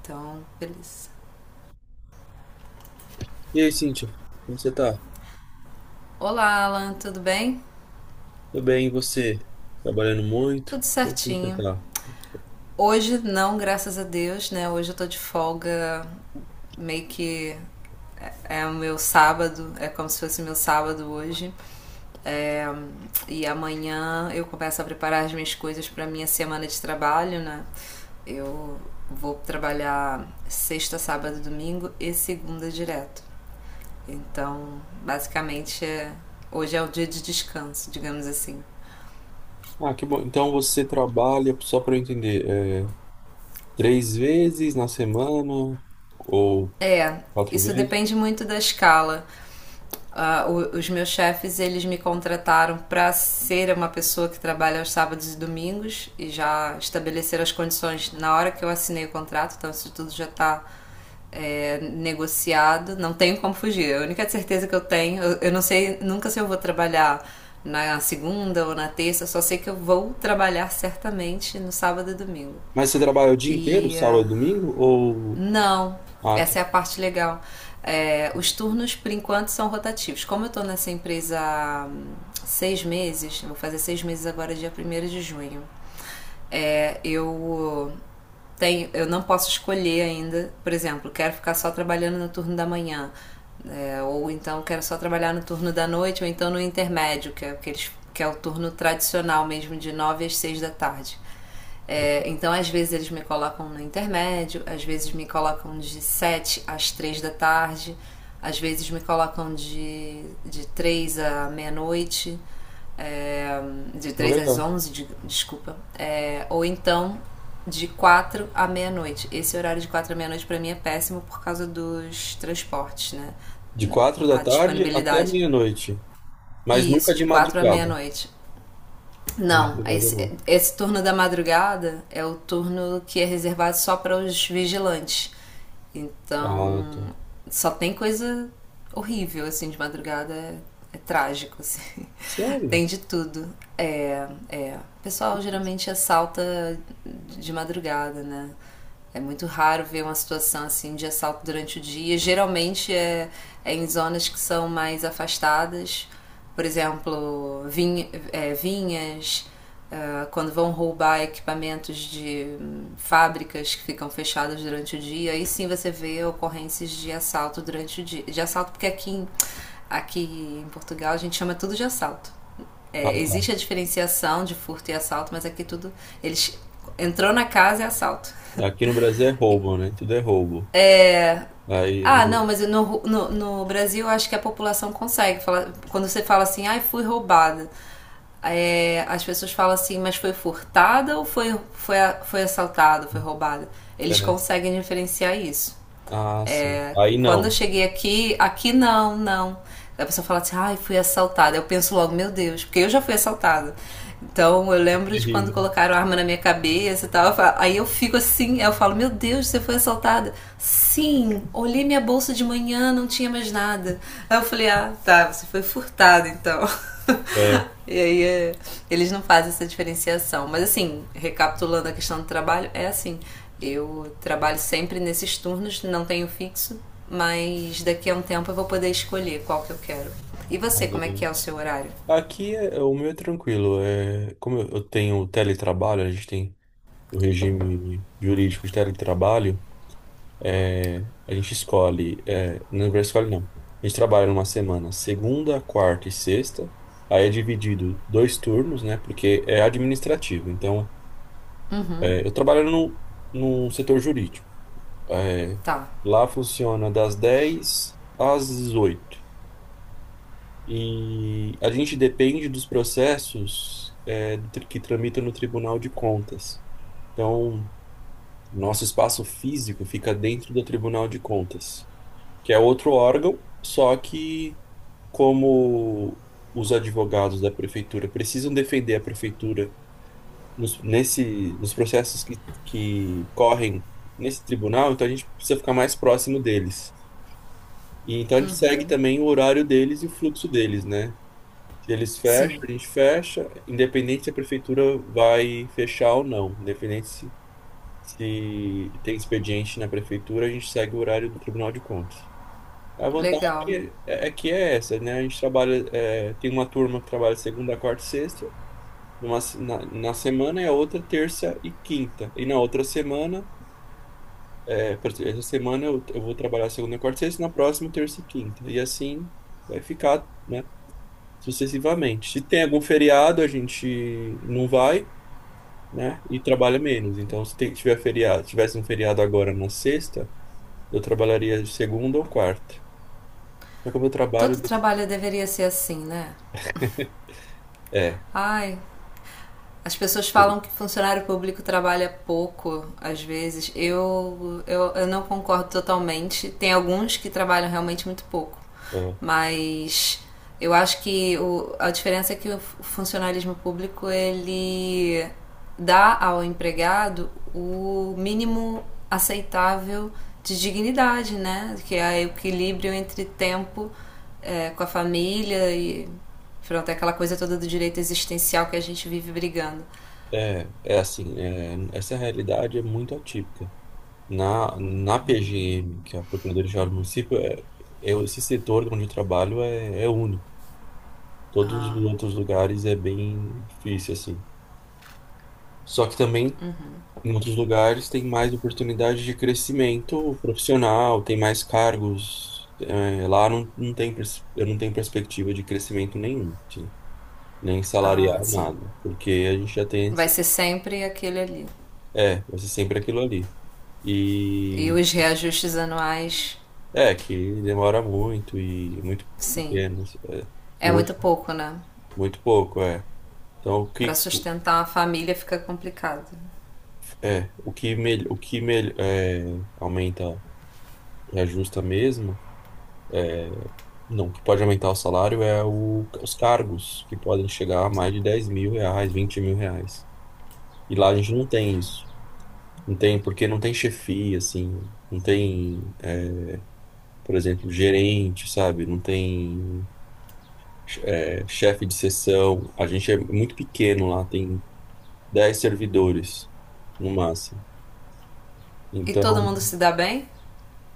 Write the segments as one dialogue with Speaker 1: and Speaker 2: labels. Speaker 1: Então, beleza.
Speaker 2: E aí, Cíntia, como você tá?
Speaker 1: Olá, Alan, tudo bem?
Speaker 2: Tudo bem, e você? Trabalhando muito?
Speaker 1: Tudo
Speaker 2: Como você
Speaker 1: certinho.
Speaker 2: tá?
Speaker 1: Hoje não, graças a Deus, né? Hoje eu tô de folga, meio que é o meu sábado, é como se fosse meu sábado hoje. É, e amanhã eu começo a preparar as minhas coisas para minha semana de trabalho, né? Eu vou trabalhar sexta, sábado, domingo e segunda direto. Então, basicamente, hoje é o dia de descanso, digamos assim.
Speaker 2: Ah, que bom. Então você trabalha, só para eu entender, é, três vezes na semana ou
Speaker 1: É,
Speaker 2: quatro
Speaker 1: isso
Speaker 2: vezes?
Speaker 1: depende muito da escala. Ah, os meus chefes, eles me contrataram para ser uma pessoa que trabalha aos sábados e domingos e já estabeleceram as condições na hora que eu assinei o contrato, então isso tudo já está negociado. Não tenho como fugir. A única certeza que eu tenho, eu não sei nunca se eu vou trabalhar na segunda ou na terça, eu só sei que eu vou trabalhar certamente no sábado e domingo.
Speaker 2: Mas você trabalha o dia inteiro,
Speaker 1: E
Speaker 2: sábado,
Speaker 1: ah,
Speaker 2: domingo? Ou.
Speaker 1: não,
Speaker 2: Ah, tá.
Speaker 1: essa é a parte legal. É, os turnos, por enquanto, são rotativos. Como eu estou nessa empresa há 6 meses, eu vou fazer 6 meses agora, dia 1º de junho, eu tenho, eu não posso escolher ainda, por exemplo, quero ficar só trabalhando no turno da manhã, ou então quero só trabalhar no turno da noite, ou então no intermédio, que é, que eles, que é o turno tradicional mesmo, de 9 às 6 da tarde. Então, às vezes eles me colocam no intermédio, às vezes me colocam de 7 às 3 da tarde, às vezes me colocam de 3 à meia-noite, é, de
Speaker 2: Ah,
Speaker 1: 3 às
Speaker 2: legal.
Speaker 1: 11 de, desculpa. Ou então de 4 à meia-noite. Esse horário de 4 à meia-noite pra mim é péssimo por causa dos transportes, né?
Speaker 2: De quatro da
Speaker 1: A
Speaker 2: tarde até
Speaker 1: disponibilidade.
Speaker 2: meia-noite. Mas nunca
Speaker 1: Isso,
Speaker 2: de
Speaker 1: de 4 à
Speaker 2: madrugada.
Speaker 1: meia-noite.
Speaker 2: De
Speaker 1: Não,
Speaker 2: madrugada não.
Speaker 1: esse turno da madrugada é o turno que é reservado só para os vigilantes.
Speaker 2: Ah, tá.
Speaker 1: Então, só tem coisa horrível, assim, de madrugada. É trágico, assim.
Speaker 2: Sério?
Speaker 1: Tem de tudo. É, é. O pessoal geralmente assalta de madrugada, né? É muito raro ver uma situação assim de assalto durante o dia. Geralmente é em zonas que são mais afastadas, por exemplo, vinhas, ah, quando vão roubar equipamentos de fábricas que ficam fechadas durante o dia. Aí sim você vê ocorrências de assalto durante o dia. De assalto, porque aqui em Portugal a gente chama tudo de assalto.
Speaker 2: Ah,
Speaker 1: É,
Speaker 2: tá.
Speaker 1: existe a diferenciação de furto e assalto, mas aqui tudo. Eles entrou na casa é assalto.
Speaker 2: É, aqui no Brasil é roubo, né? Tudo é roubo. Aí.
Speaker 1: Ah, não,
Speaker 2: No-
Speaker 1: mas no Brasil eu acho que a população consegue falar. Quando você fala assim, ai, fui roubada. As pessoas falam assim, mas foi furtada ou foi assaltada, foi roubada? Eles
Speaker 2: É.
Speaker 1: conseguem diferenciar isso.
Speaker 2: Ah, sim.
Speaker 1: É,
Speaker 2: Aí
Speaker 1: quando eu
Speaker 2: não.
Speaker 1: cheguei aqui, aqui não, não. A pessoa fala assim, ai, fui assaltada. Eu penso logo, meu Deus, porque eu já fui assaltada. Então eu
Speaker 2: É
Speaker 1: lembro de quando
Speaker 2: terrível.
Speaker 1: colocaram a arma na minha cabeça e tal. Aí eu fico assim, eu falo, meu Deus, você foi assaltada? Sim, olhei minha bolsa de manhã, não tinha mais nada. Aí eu falei, ah, tá, você foi furtada então.
Speaker 2: É.
Speaker 1: E aí é, eles não fazem essa diferenciação. Mas assim, recapitulando a questão do trabalho, é assim. Eu trabalho sempre nesses turnos, não tenho fixo, mas daqui a um tempo eu vou poder escolher qual que eu quero. E
Speaker 2: Ah,
Speaker 1: você, como é que
Speaker 2: legal.
Speaker 1: é o seu horário?
Speaker 2: Aqui o meu é tranquilo. É, como eu tenho teletrabalho, a gente tem o regime jurídico de teletrabalho, é, a gente escolhe. É, não vai escolhe, não. A gente trabalha numa semana, segunda, quarta e sexta. Aí é dividido dois turnos, né? Porque é administrativo. Então, é, eu trabalho no setor jurídico. É,
Speaker 1: Tá,
Speaker 2: lá funciona das 10 às 18. E a gente depende dos processos é, que tramitam no Tribunal de Contas. Então, nosso espaço físico fica dentro do Tribunal de Contas, que é outro órgão, só que como os advogados da prefeitura precisam defender a prefeitura nos processos que correm nesse tribunal, então a gente precisa ficar mais próximo deles. E então a gente segue também o horário deles e o fluxo deles, né? Se eles fecham,
Speaker 1: sim,
Speaker 2: a gente fecha, independente se a prefeitura vai fechar ou não, independente se, se tem expediente na prefeitura, a gente segue o horário do Tribunal de Contas. A vantagem
Speaker 1: legal.
Speaker 2: é que é essa, né? A gente trabalha, é, tem uma turma que trabalha segunda, quarta e sexta, numa, se- na, na semana, e a outra terça e quinta. E na outra semana, é, por exemplo, essa semana eu vou trabalhar segunda, quarta e sexta, na próxima terça e quinta. E assim vai ficar, né? Sucessivamente. Se tem algum feriado, a gente não vai, né? E trabalha menos. Então, se tem- tiver feriado, tivesse um feriado agora na sexta, eu trabalharia de segunda ou quarta. Só que o meu trabalho
Speaker 1: Todo trabalho deveria ser assim, né?
Speaker 2: é,
Speaker 1: Ai, as pessoas
Speaker 2: ele-
Speaker 1: falam que funcionário público trabalha pouco, às vezes. Eu não concordo totalmente. Tem alguns que trabalham realmente muito pouco.
Speaker 2: é,
Speaker 1: Mas eu acho que a diferença é que o funcionalismo público ele dá ao empregado o mínimo aceitável de dignidade, né? Que é o equilíbrio entre tempo com a família e pronto, é aquela coisa toda do direito existencial que a gente vive brigando.
Speaker 2: é assim, é, essa realidade é muito atípica. Na PGM, que é a Procuradoria Geral do Município, é, eu, esse setor onde eu trabalho é único. Todos os outros lugares é bem difícil, assim. Só que também em outros lugares tem mais oportunidade de crescimento profissional, tem mais cargos. É, lá não tem, eu não tenho perspectiva de crescimento nenhum, nem
Speaker 1: Ah,
Speaker 2: salarial,
Speaker 1: sim.
Speaker 2: nada, porque a gente já tem.
Speaker 1: Vai
Speaker 2: esse-
Speaker 1: ser sempre aquele ali.
Speaker 2: É, vai ser sempre aquilo ali.
Speaker 1: E
Speaker 2: E
Speaker 1: os reajustes anuais,
Speaker 2: é que demora muito e é muito
Speaker 1: sim.
Speaker 2: pequeno, é,
Speaker 1: É
Speaker 2: pouco,
Speaker 1: muito pouco, né?
Speaker 2: muito pouco, é. Então, o
Speaker 1: Para
Speaker 2: que,
Speaker 1: sustentar uma família fica complicado.
Speaker 2: é, o que mel- é, aumenta e ajusta mesmo. Não, o que pode aumentar o salário os cargos, que podem chegar a mais de 10 mil reais, 20 mil reais. E lá a gente não tem isso. Não tem, porque não tem chefia, assim. Não tem, por exemplo, gerente, sabe? Não tem, chefe de seção. A gente é muito pequeno lá, tem 10 servidores, no máximo.
Speaker 1: E todo
Speaker 2: Então,
Speaker 1: mundo se dá bem?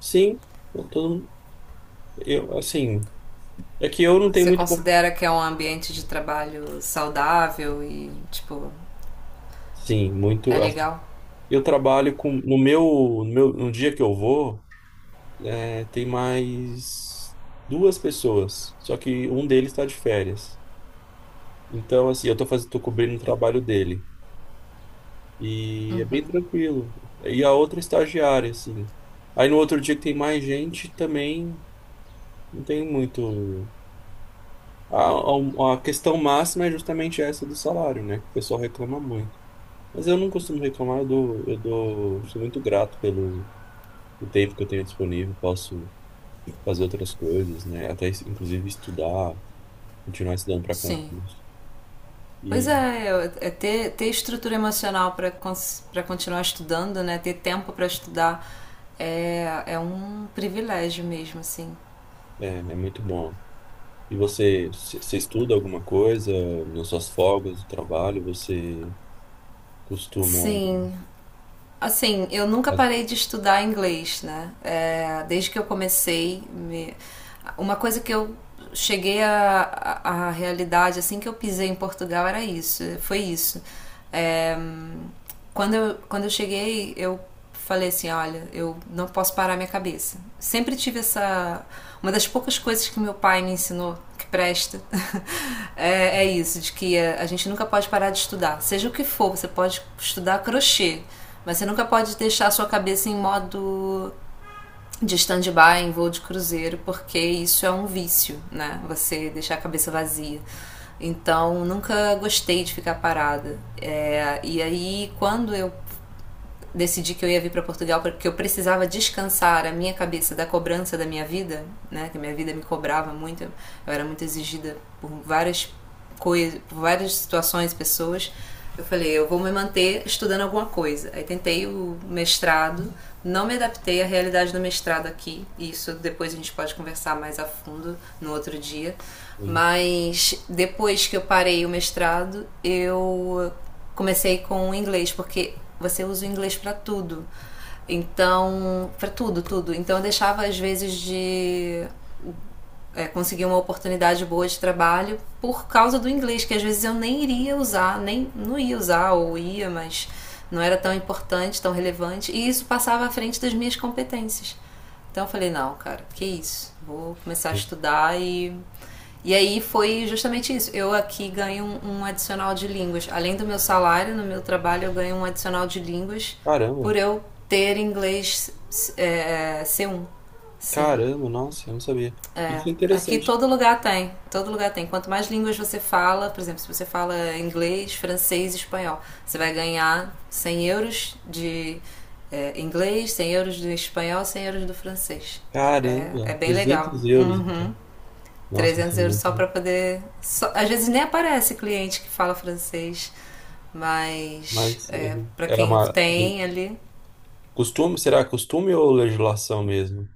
Speaker 2: sim, eu, tô- assim. É que eu não tenho
Speaker 1: Você
Speaker 2: muito.
Speaker 1: considera que é um ambiente de trabalho saudável e, tipo,
Speaker 2: Sim,
Speaker 1: é
Speaker 2: muito. Assim,
Speaker 1: legal?
Speaker 2: eu trabalho com. No meu, no dia que eu vou. É, tem mais duas pessoas, só que um deles está de férias. Então, assim, tô cobrindo o trabalho dele. E é bem tranquilo. E a outra é estagiária, assim. Aí no outro dia que tem mais gente, também não tem muito. A, a questão máxima é justamente essa do salário, né? Que o pessoal reclama muito. Mas eu não costumo reclamar, eu dou, sou muito grato pelo o tempo que eu tenho disponível, posso fazer outras coisas, né? Até inclusive estudar. Continuar estudando para
Speaker 1: Sim.
Speaker 2: concurso.
Speaker 1: Pois
Speaker 2: E
Speaker 1: é, é ter, ter estrutura emocional para continuar estudando, né? Ter tempo para estudar é um privilégio mesmo, assim.
Speaker 2: é, é muito bom. E você, você estuda alguma coisa nas suas folgas do trabalho? Você costuma.
Speaker 1: Sim, assim, eu nunca
Speaker 2: Fazer
Speaker 1: parei de estudar inglês, né? É, desde que eu comecei, me, uma coisa que eu cheguei à realidade assim que eu pisei em Portugal era isso, foi isso. É, Quando eu cheguei, eu falei assim, olha, eu não posso parar minha cabeça. Sempre tive essa. Uma das poucas coisas que meu pai me ensinou que presta é isso, de que a gente nunca pode parar de estudar. Seja o que for, você pode estudar crochê, mas você nunca pode deixar a sua cabeça em modo de stand-by em voo de cruzeiro, porque isso é um vício, né? Você deixar a cabeça vazia. Então, nunca gostei de ficar parada. É, e aí, quando eu decidi que eu ia vir para Portugal porque eu precisava descansar a minha cabeça da cobrança da minha vida, né? Que a minha vida me cobrava muito, eu era muito exigida por várias coisas, por várias situações, pessoas. Eu falei, eu vou me manter estudando alguma coisa. Aí tentei o mestrado, não me adaptei à realidade do mestrado aqui. Isso depois a gente pode conversar mais a fundo no outro dia. Mas depois que eu parei o mestrado, eu comecei com o inglês, porque você usa o inglês para tudo. Então, para tudo, tudo. Então eu deixava às vezes de conseguir uma oportunidade boa de trabalho por causa do inglês, que às vezes eu nem iria usar, nem não ia usar ou ia, mas não era tão importante, tão relevante, e isso passava à frente das minhas competências. Então eu falei, não, cara, que isso? Vou começar a
Speaker 2: isso?
Speaker 1: estudar e aí foi justamente isso. Eu aqui ganho um adicional de línguas. Além do meu salário, no meu trabalho eu ganho um adicional de línguas
Speaker 2: Caramba,
Speaker 1: por eu ter inglês é, é, c um Sim.
Speaker 2: caramba, nossa, eu não sabia.
Speaker 1: É,
Speaker 2: Isso é
Speaker 1: aqui
Speaker 2: interessante.
Speaker 1: todo lugar tem, todo lugar tem. Quanto mais línguas você fala, por exemplo, se você fala inglês, francês, espanhol, você vai ganhar 100 euros de inglês, 100 euros do espanhol, 100 euros do francês. É, é
Speaker 2: Caramba,
Speaker 1: bem legal.
Speaker 2: 300 euros,
Speaker 1: Uhum.
Speaker 2: então. Nossa, isso
Speaker 1: 300
Speaker 2: é
Speaker 1: euros só
Speaker 2: muito.
Speaker 1: para poder. Às vezes nem aparece cliente que fala francês, mas
Speaker 2: Mas
Speaker 1: é,
Speaker 2: ele
Speaker 1: para
Speaker 2: é
Speaker 1: quem
Speaker 2: uma.
Speaker 1: tem ali,
Speaker 2: Costume, será costume ou legislação mesmo?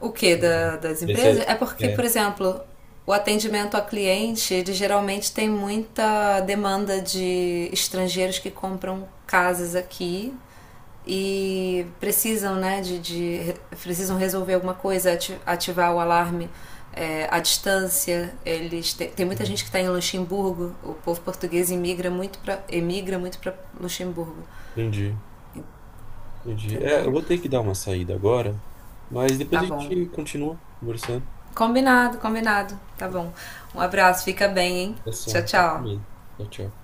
Speaker 1: o que da, das empresas?
Speaker 2: Esse
Speaker 1: É
Speaker 2: é.
Speaker 1: porque,
Speaker 2: é,
Speaker 1: por exemplo, o atendimento a cliente, ele geralmente tem muita demanda de estrangeiros que compram casas aqui e precisam, né, de precisam resolver alguma coisa, ativar o alarme à distância. Eles te, tem muita gente que está em Luxemburgo. O povo português imigra muito para emigra muito para Luxemburgo,
Speaker 2: Entendi. Entendi. É, eu
Speaker 1: entendeu?
Speaker 2: vou ter que dar uma saída agora, mas depois
Speaker 1: Tá
Speaker 2: a
Speaker 1: bom.
Speaker 2: gente continua conversando.
Speaker 1: Combinado, combinado. Tá bom. Um abraço, fica bem, hein? Tchau,
Speaker 2: Ação.
Speaker 1: tchau.
Speaker 2: Tchau, tchau.